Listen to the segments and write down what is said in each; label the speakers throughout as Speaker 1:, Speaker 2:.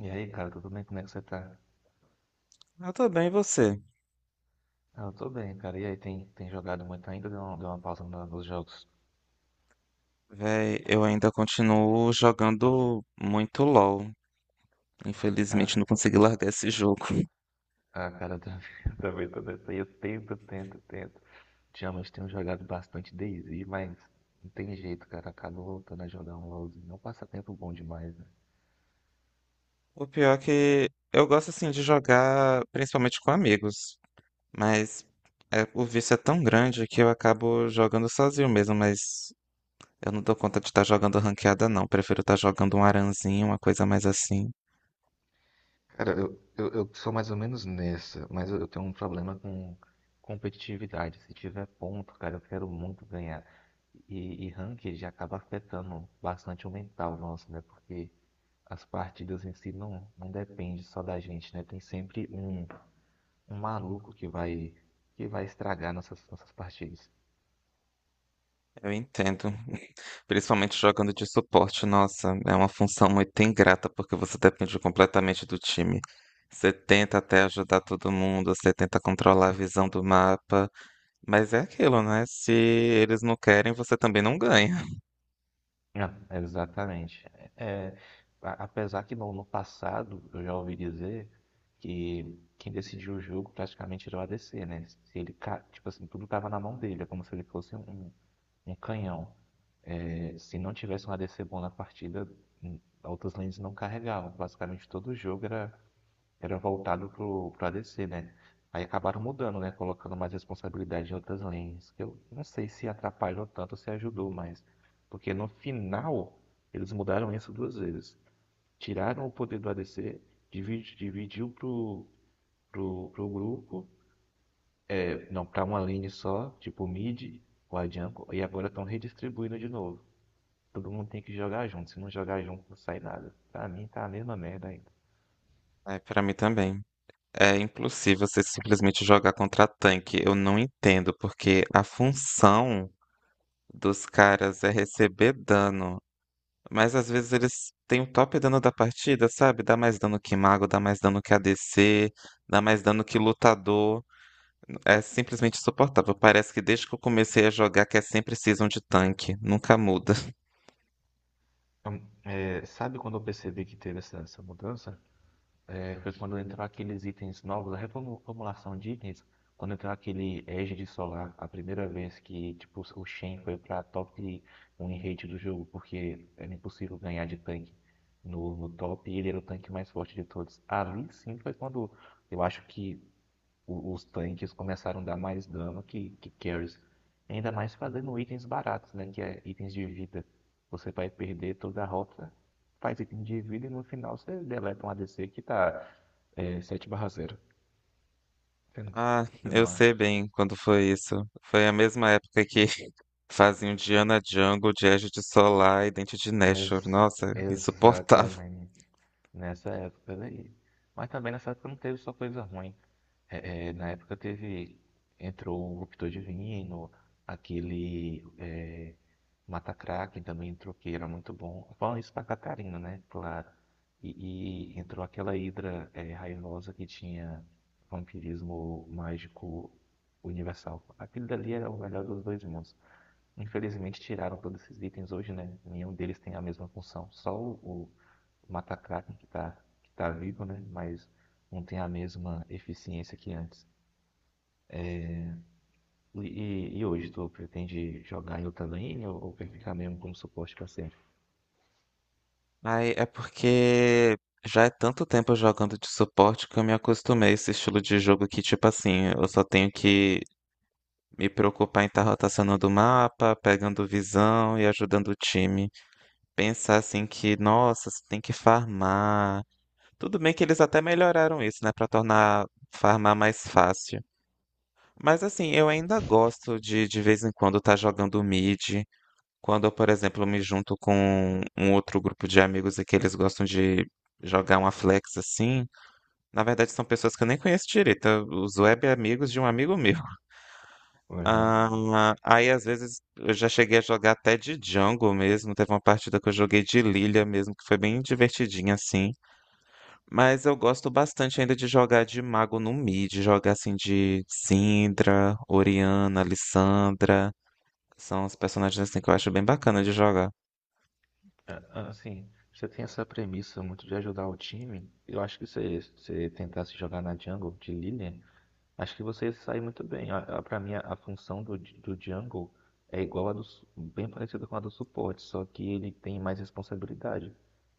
Speaker 1: E aí, cara, tudo bem? Como é que você tá?
Speaker 2: Eu tô bem, e você?
Speaker 1: Ah, eu tô bem, cara. E aí, tem jogado muito ainda? Deu uma pausa nos jogos?
Speaker 2: Véi, eu ainda continuo jogando muito LoL.
Speaker 1: Ah,
Speaker 2: Infelizmente, não consegui largar esse jogo.
Speaker 1: ah, cara, eu também, eu também tô nessa aí. Eu tento, tento, tento. Ultimamente tenho jogado bastante DayZ, mas não tem jeito, cara. Acabo voltando a jogar um LoLzinho. É um passatempo bom demais, né?
Speaker 2: O pior é que eu gosto, assim, de jogar principalmente com amigos. Mas o vício é tão grande que eu acabo jogando sozinho mesmo. Mas eu não dou conta de estar jogando ranqueada, não. Prefiro estar jogando um aranzinho, uma coisa mais assim.
Speaker 1: Cara, eu sou mais ou menos nessa, mas eu tenho um problema com competitividade. Se tiver ponto, cara, eu quero muito ganhar. E ranked acaba afetando bastante o mental nosso, né? Porque as partidas em si não depende só da gente, né? Tem sempre um maluco que vai estragar nossas partidas.
Speaker 2: Eu entendo. Principalmente jogando de suporte, nossa, é uma função muito ingrata, porque você depende completamente do time. Você tenta até ajudar todo mundo, você tenta controlar a visão do mapa, mas é aquilo, né? Se eles não querem, você também não ganha.
Speaker 1: É, exatamente. É, apesar que no passado eu já ouvi dizer que quem decidiu o jogo praticamente era o ADC, né? Se ele, tipo assim, tudo tava na mão dele, é como se ele fosse um canhão. É, se não tivesse um ADC bom na partida, outras lanes não carregavam. Basicamente todo jogo era voltado pro ADC, né? Aí acabaram mudando, né? Colocando mais responsabilidade em outras linhas. Eu não sei se atrapalhou tanto ou se ajudou mais. Porque no final, eles mudaram isso duas vezes. Tiraram o poder do ADC, dividiu pro, pro grupo, é, não, pra uma lane só, tipo o mid, o A jungle, e agora estão redistribuindo de novo. Todo mundo tem que jogar junto, se não jogar junto não sai nada. Pra mim tá a mesma merda ainda.
Speaker 2: É, para mim também. É impossível você simplesmente jogar contra tanque. Eu não entendo, porque a função dos caras é receber dano. Mas às vezes eles têm o top dano da partida, sabe? Dá mais dano que mago, dá mais dano que ADC, dá mais dano que lutador. É simplesmente insuportável. Parece que desde que eu comecei a jogar que é sempre season de tanque, nunca muda.
Speaker 1: Então, é, sabe quando eu percebi que teve essa mudança? É, foi quando entrou aqueles itens novos, a reformulação de itens, quando entrou aquele Égide Solar, a primeira vez que tipo, o Shen foi pra top um em rate do jogo, porque era impossível ganhar de tanque no top e ele era o tanque mais forte de todos. Ali sim foi quando eu acho que os tanques começaram a dar mais dano que carries. Ainda mais fazendo itens baratos, né? Que é itens de vida. Você vai perder toda a rota, faz item de vida e no final você deleta um ADC que tá 7/0. Você não-
Speaker 2: Ah,
Speaker 1: você
Speaker 2: eu
Speaker 1: não
Speaker 2: sei
Speaker 1: acha?
Speaker 2: bem quando foi isso. Foi a mesma época que faziam Diana Jungle, de Edge de Solar e Dente de Nashor.
Speaker 1: Ex-
Speaker 2: Nossa, insuportável.
Speaker 1: exatamente. Nessa época daí. Mas também nessa época não teve só coisa ruim. É, na época teve. Entrou o Ruptor Divino, aquele. É, Mata Kraken também entrou, que era muito bom. Falando isso pra Catarina, né? Claro. E entrou aquela Hidra raivosa que tinha vampirismo mágico universal. Aquele dali era o melhor dos dois mundos. Infelizmente tiraram todos esses itens hoje, né? Nenhum deles tem a mesma função. Só o Matakraken que tá vivo, né? Mas não tem a mesma eficiência que antes. É, e hoje, tu pretende jogar em outra lane ou quer ficar mesmo como suporte pra sempre?
Speaker 2: Ai, é porque já é tanto tempo jogando de suporte que eu me acostumei a esse estilo de jogo que, tipo assim, eu só tenho que me preocupar em estar rotacionando o mapa, pegando visão e ajudando o time. Pensar assim que, nossa, você tem que farmar. Tudo bem que eles até melhoraram isso, né, pra tornar farmar mais fácil. Mas assim, eu ainda gosto de vez em quando estar jogando mid. Quando eu, por exemplo, me junto com um outro grupo de amigos e que eles gostam de jogar uma flex assim, na verdade são pessoas que eu nem conheço direito, é os web amigos de um amigo meu.
Speaker 1: Uhum.
Speaker 2: Ah, aí às vezes eu já cheguei a jogar até de jungle mesmo, teve uma partida que eu joguei de Lilia mesmo, que foi bem divertidinha assim. Mas eu gosto bastante ainda de jogar de mago no mid, jogar assim de Syndra, Orianna, Lissandra. São os personagens assim que eu acho bem bacana de jogar.
Speaker 1: É, assim, você tem essa premissa muito de ajudar o time. Eu acho que se você tentasse jogar na jungle de Lilian, acho que você sai muito bem. Para mim, a função do Jungle é igual a do, bem parecida com a do suporte, só que ele tem mais responsabilidade,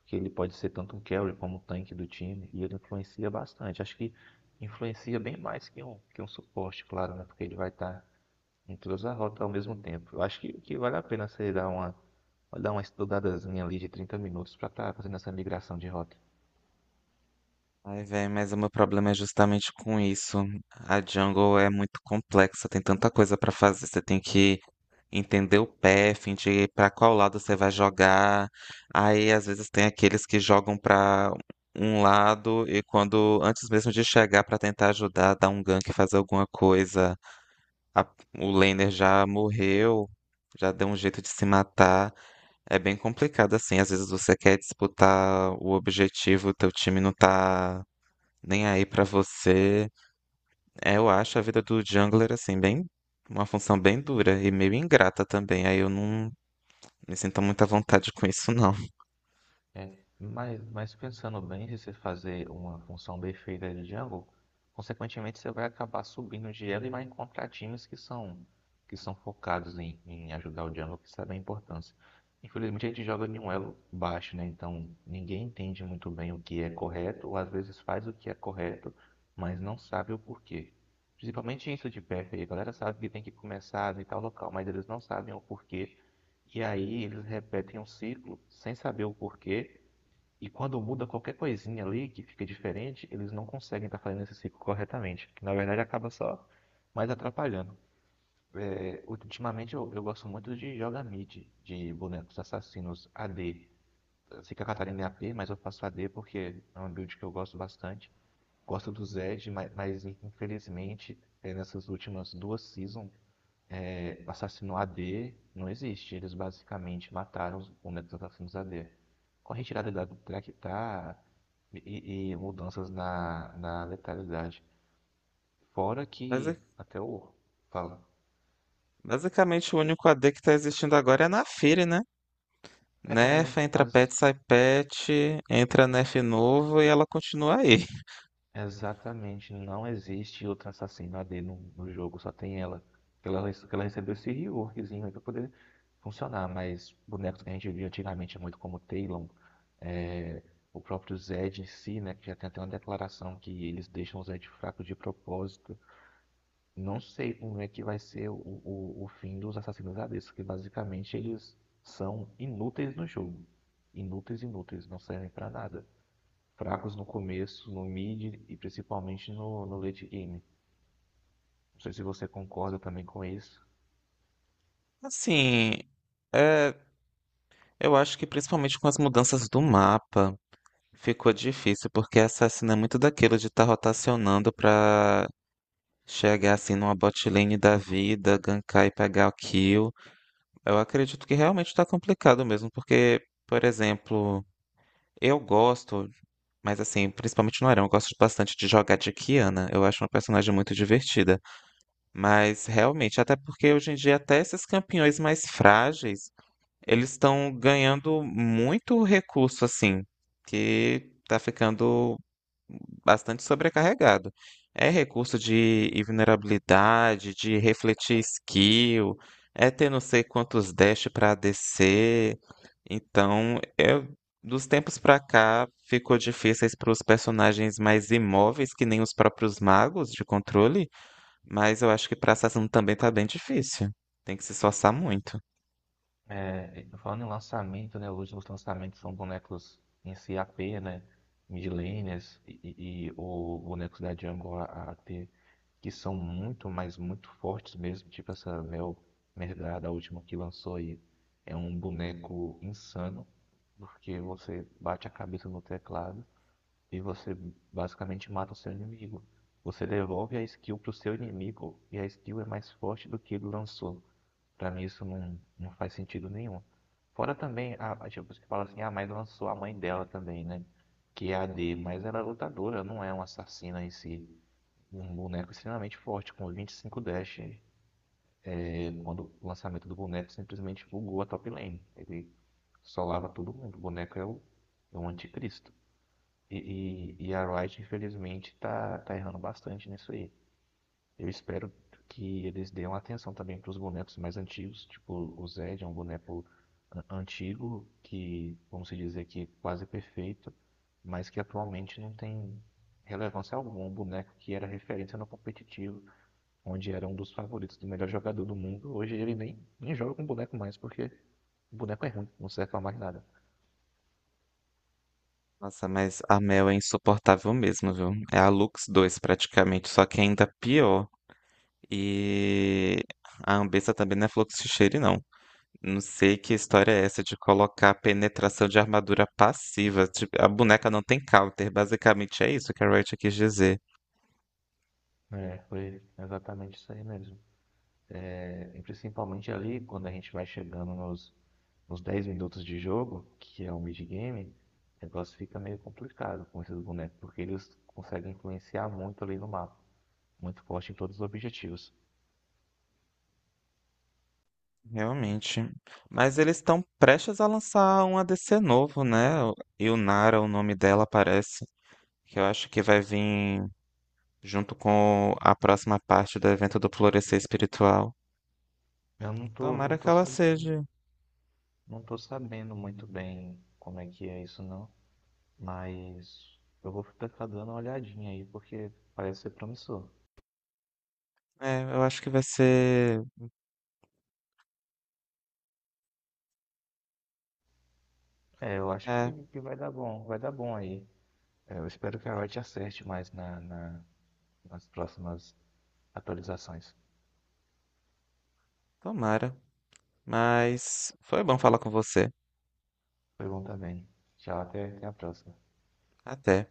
Speaker 1: porque ele pode ser tanto um carry como um tanque do time e ele influencia bastante. Acho que influencia bem mais que um suporte, claro, né? Porque ele vai estar em todas as rotas ao mesmo tempo. Eu acho que vale a pena você dar uma estudadazinha ali de 30 minutos para estar fazendo essa migração de rota.
Speaker 2: Ai, velho, mas o meu problema é justamente com isso. A jungle é muito complexa, tem tanta coisa pra fazer. Você tem que entender o path, de pra qual lado você vai jogar. Aí, às vezes, tem aqueles que jogam pra um lado e quando, antes mesmo de chegar pra tentar ajudar, dar um gank, fazer alguma coisa, a- o laner já morreu, já deu um jeito de se matar. É bem complicado assim. Às vezes você quer disputar o objetivo, o teu time não tá nem aí pra você. É, eu acho a vida do jungler assim bem uma função bem dura e meio ingrata também. Aí eu não me sinto muito à vontade com isso não.
Speaker 1: É, mas pensando bem, se você fazer uma função bem feita de Django, consequentemente você vai acabar subindo de elo e vai encontrar times que são focados em ajudar o Django, que sabe a importância. Infelizmente a gente joga em um elo baixo, né? Então ninguém entende muito bem o que é correto, ou às vezes faz o que é correto, mas não sabe o porquê. Principalmente isso de PF aí, a galera sabe que tem que começar em tal local, mas eles não sabem o porquê. E aí eles repetem um ciclo sem saber o porquê e quando muda qualquer coisinha ali que fica diferente, eles não conseguem estar fazendo esse ciclo corretamente, que na verdade acaba só mais atrapalhando. É, ultimamente eu gosto muito de jogar mid, de bonecos assassinos AD. Eu sei que a D. Fica Catarina é AP, mas eu faço AD porque é um build que eu gosto bastante. Gosto do Zed, mas infelizmente nessas últimas duas seasons o assassino AD não existe. Eles basicamente mataram os momentos dos assassinos AD. Com a retirada da track tá e mudanças na letalidade. Fora que
Speaker 2: Basi-
Speaker 1: até o fala.
Speaker 2: Basicamente o único AD que tá existindo agora é na Fire, né?
Speaker 1: É,
Speaker 2: Nerf,
Speaker 1: é,
Speaker 2: entra pet,
Speaker 1: mas
Speaker 2: sai pet, entra nerf novo e ela continua aí.
Speaker 1: exatamente não existe outra assassino AD no jogo, só tem ela. Ela recebeu esse reworkzinho aí pra poder funcionar, mas bonecos que a gente via antigamente é muito como Talon, é, o próprio Zed em si, né? Que já tem até uma declaração que eles deixam o Zed fraco de propósito. Não sei como é que vai ser o fim dos assassinos ADs, porque basicamente eles são inúteis no jogo. Inúteis, inúteis, não servem pra nada. Fracos no começo, no mid e principalmente no late game. Não sei se você concorda também com isso.
Speaker 2: Assim, é, eu acho que principalmente com as mudanças do mapa ficou difícil, porque assassino é muito daquilo de estar rotacionando pra chegar assim numa bot lane da vida, gankar e pegar o kill. Eu acredito que realmente tá complicado mesmo, porque, por exemplo, eu gosto, mas assim, principalmente no Arão, eu gosto bastante de jogar de Kiana. Eu acho uma personagem muito divertida. Mas realmente, até porque hoje em dia até esses campeões mais frágeis, eles estão ganhando muito recurso assim, que tá ficando bastante sobrecarregado. É recurso de invulnerabilidade, de refletir skill, é ter não sei quantos dash para descer. Então, eu, dos tempos pra cá, ficou difíceis para os personagens mais imóveis, que nem os próprios magos de controle, mas eu acho que para assassino também tá bem difícil. Tem que se esforçar muito.
Speaker 1: É, falando em lançamento, né? Os últimos lançamentos são bonecos em CAP, né? Midlaners e o bonecos da Jungle AT, que são muito, mas muito fortes mesmo. Tipo essa Mel Mergada, a última que lançou aí, é um boneco insano, porque você bate a cabeça no teclado e você basicamente mata o seu inimigo. Você devolve a skill pro seu inimigo e a skill é mais forte do que ele lançou. Pra mim isso não, faz sentido nenhum. Fora também, tipo, você fala assim, ah, mas lançou a mãe dela também, né? Que é a D, mas ela é lutadora, não é uma assassina em si. Um boneco extremamente forte, com 25 dash, quando o lançamento do boneco simplesmente bugou a top lane. Ele solava todo mundo, o boneco é o anticristo. E a Riot, infelizmente, tá errando bastante nisso aí. Eu espero que eles deem atenção também para os bonecos mais antigos, tipo o Zed é um boneco antigo que, vamos se dizer que é quase perfeito, mas que atualmente não tem relevância alguma. É um boneco que era referência no competitivo, onde era um dos favoritos do melhor jogador do mundo, hoje ele nem joga com boneco mais, porque o boneco é ruim, não serve para mais nada.
Speaker 2: Nossa, mas a Mel é insuportável mesmo, viu? É a Lux 2 praticamente, só que ainda pior. E a Anvisa também não é fluxo de cheiro, não. Não sei que história é essa de colocar penetração de armadura passiva. Tipo, a boneca não tem counter. Basicamente é isso que a Riot quis dizer.
Speaker 1: É, foi exatamente isso aí mesmo. É, e principalmente ali, quando a gente vai chegando nos uns 10 minutos de jogo, que é um mid-game, o negócio fica meio complicado com esses bonecos, porque eles conseguem influenciar muito ali no mapa, muito forte em todos os objetivos.
Speaker 2: Realmente. Mas eles estão prestes a lançar um ADC novo, né? Yunara, o nome dela, parece. Que eu acho que vai vir junto com a próxima parte do evento do Florescer Espiritual.
Speaker 1: Eu não tô,
Speaker 2: Tomara
Speaker 1: não
Speaker 2: que
Speaker 1: tô
Speaker 2: ela
Speaker 1: sabendo,
Speaker 2: seja.
Speaker 1: não tô sabendo muito bem como é que é isso não, mas eu vou ficar dando uma olhadinha aí, porque parece ser promissor.
Speaker 2: É, eu acho que vai ser.
Speaker 1: É, eu acho que,
Speaker 2: É,
Speaker 1: que vai dar bom aí. É, eu espero que a Riot acerte mais na, nas próximas atualizações.
Speaker 2: tomara. Mas foi bom falar com você.
Speaker 1: Foi bom também. Tchau, até a próxima.
Speaker 2: Até.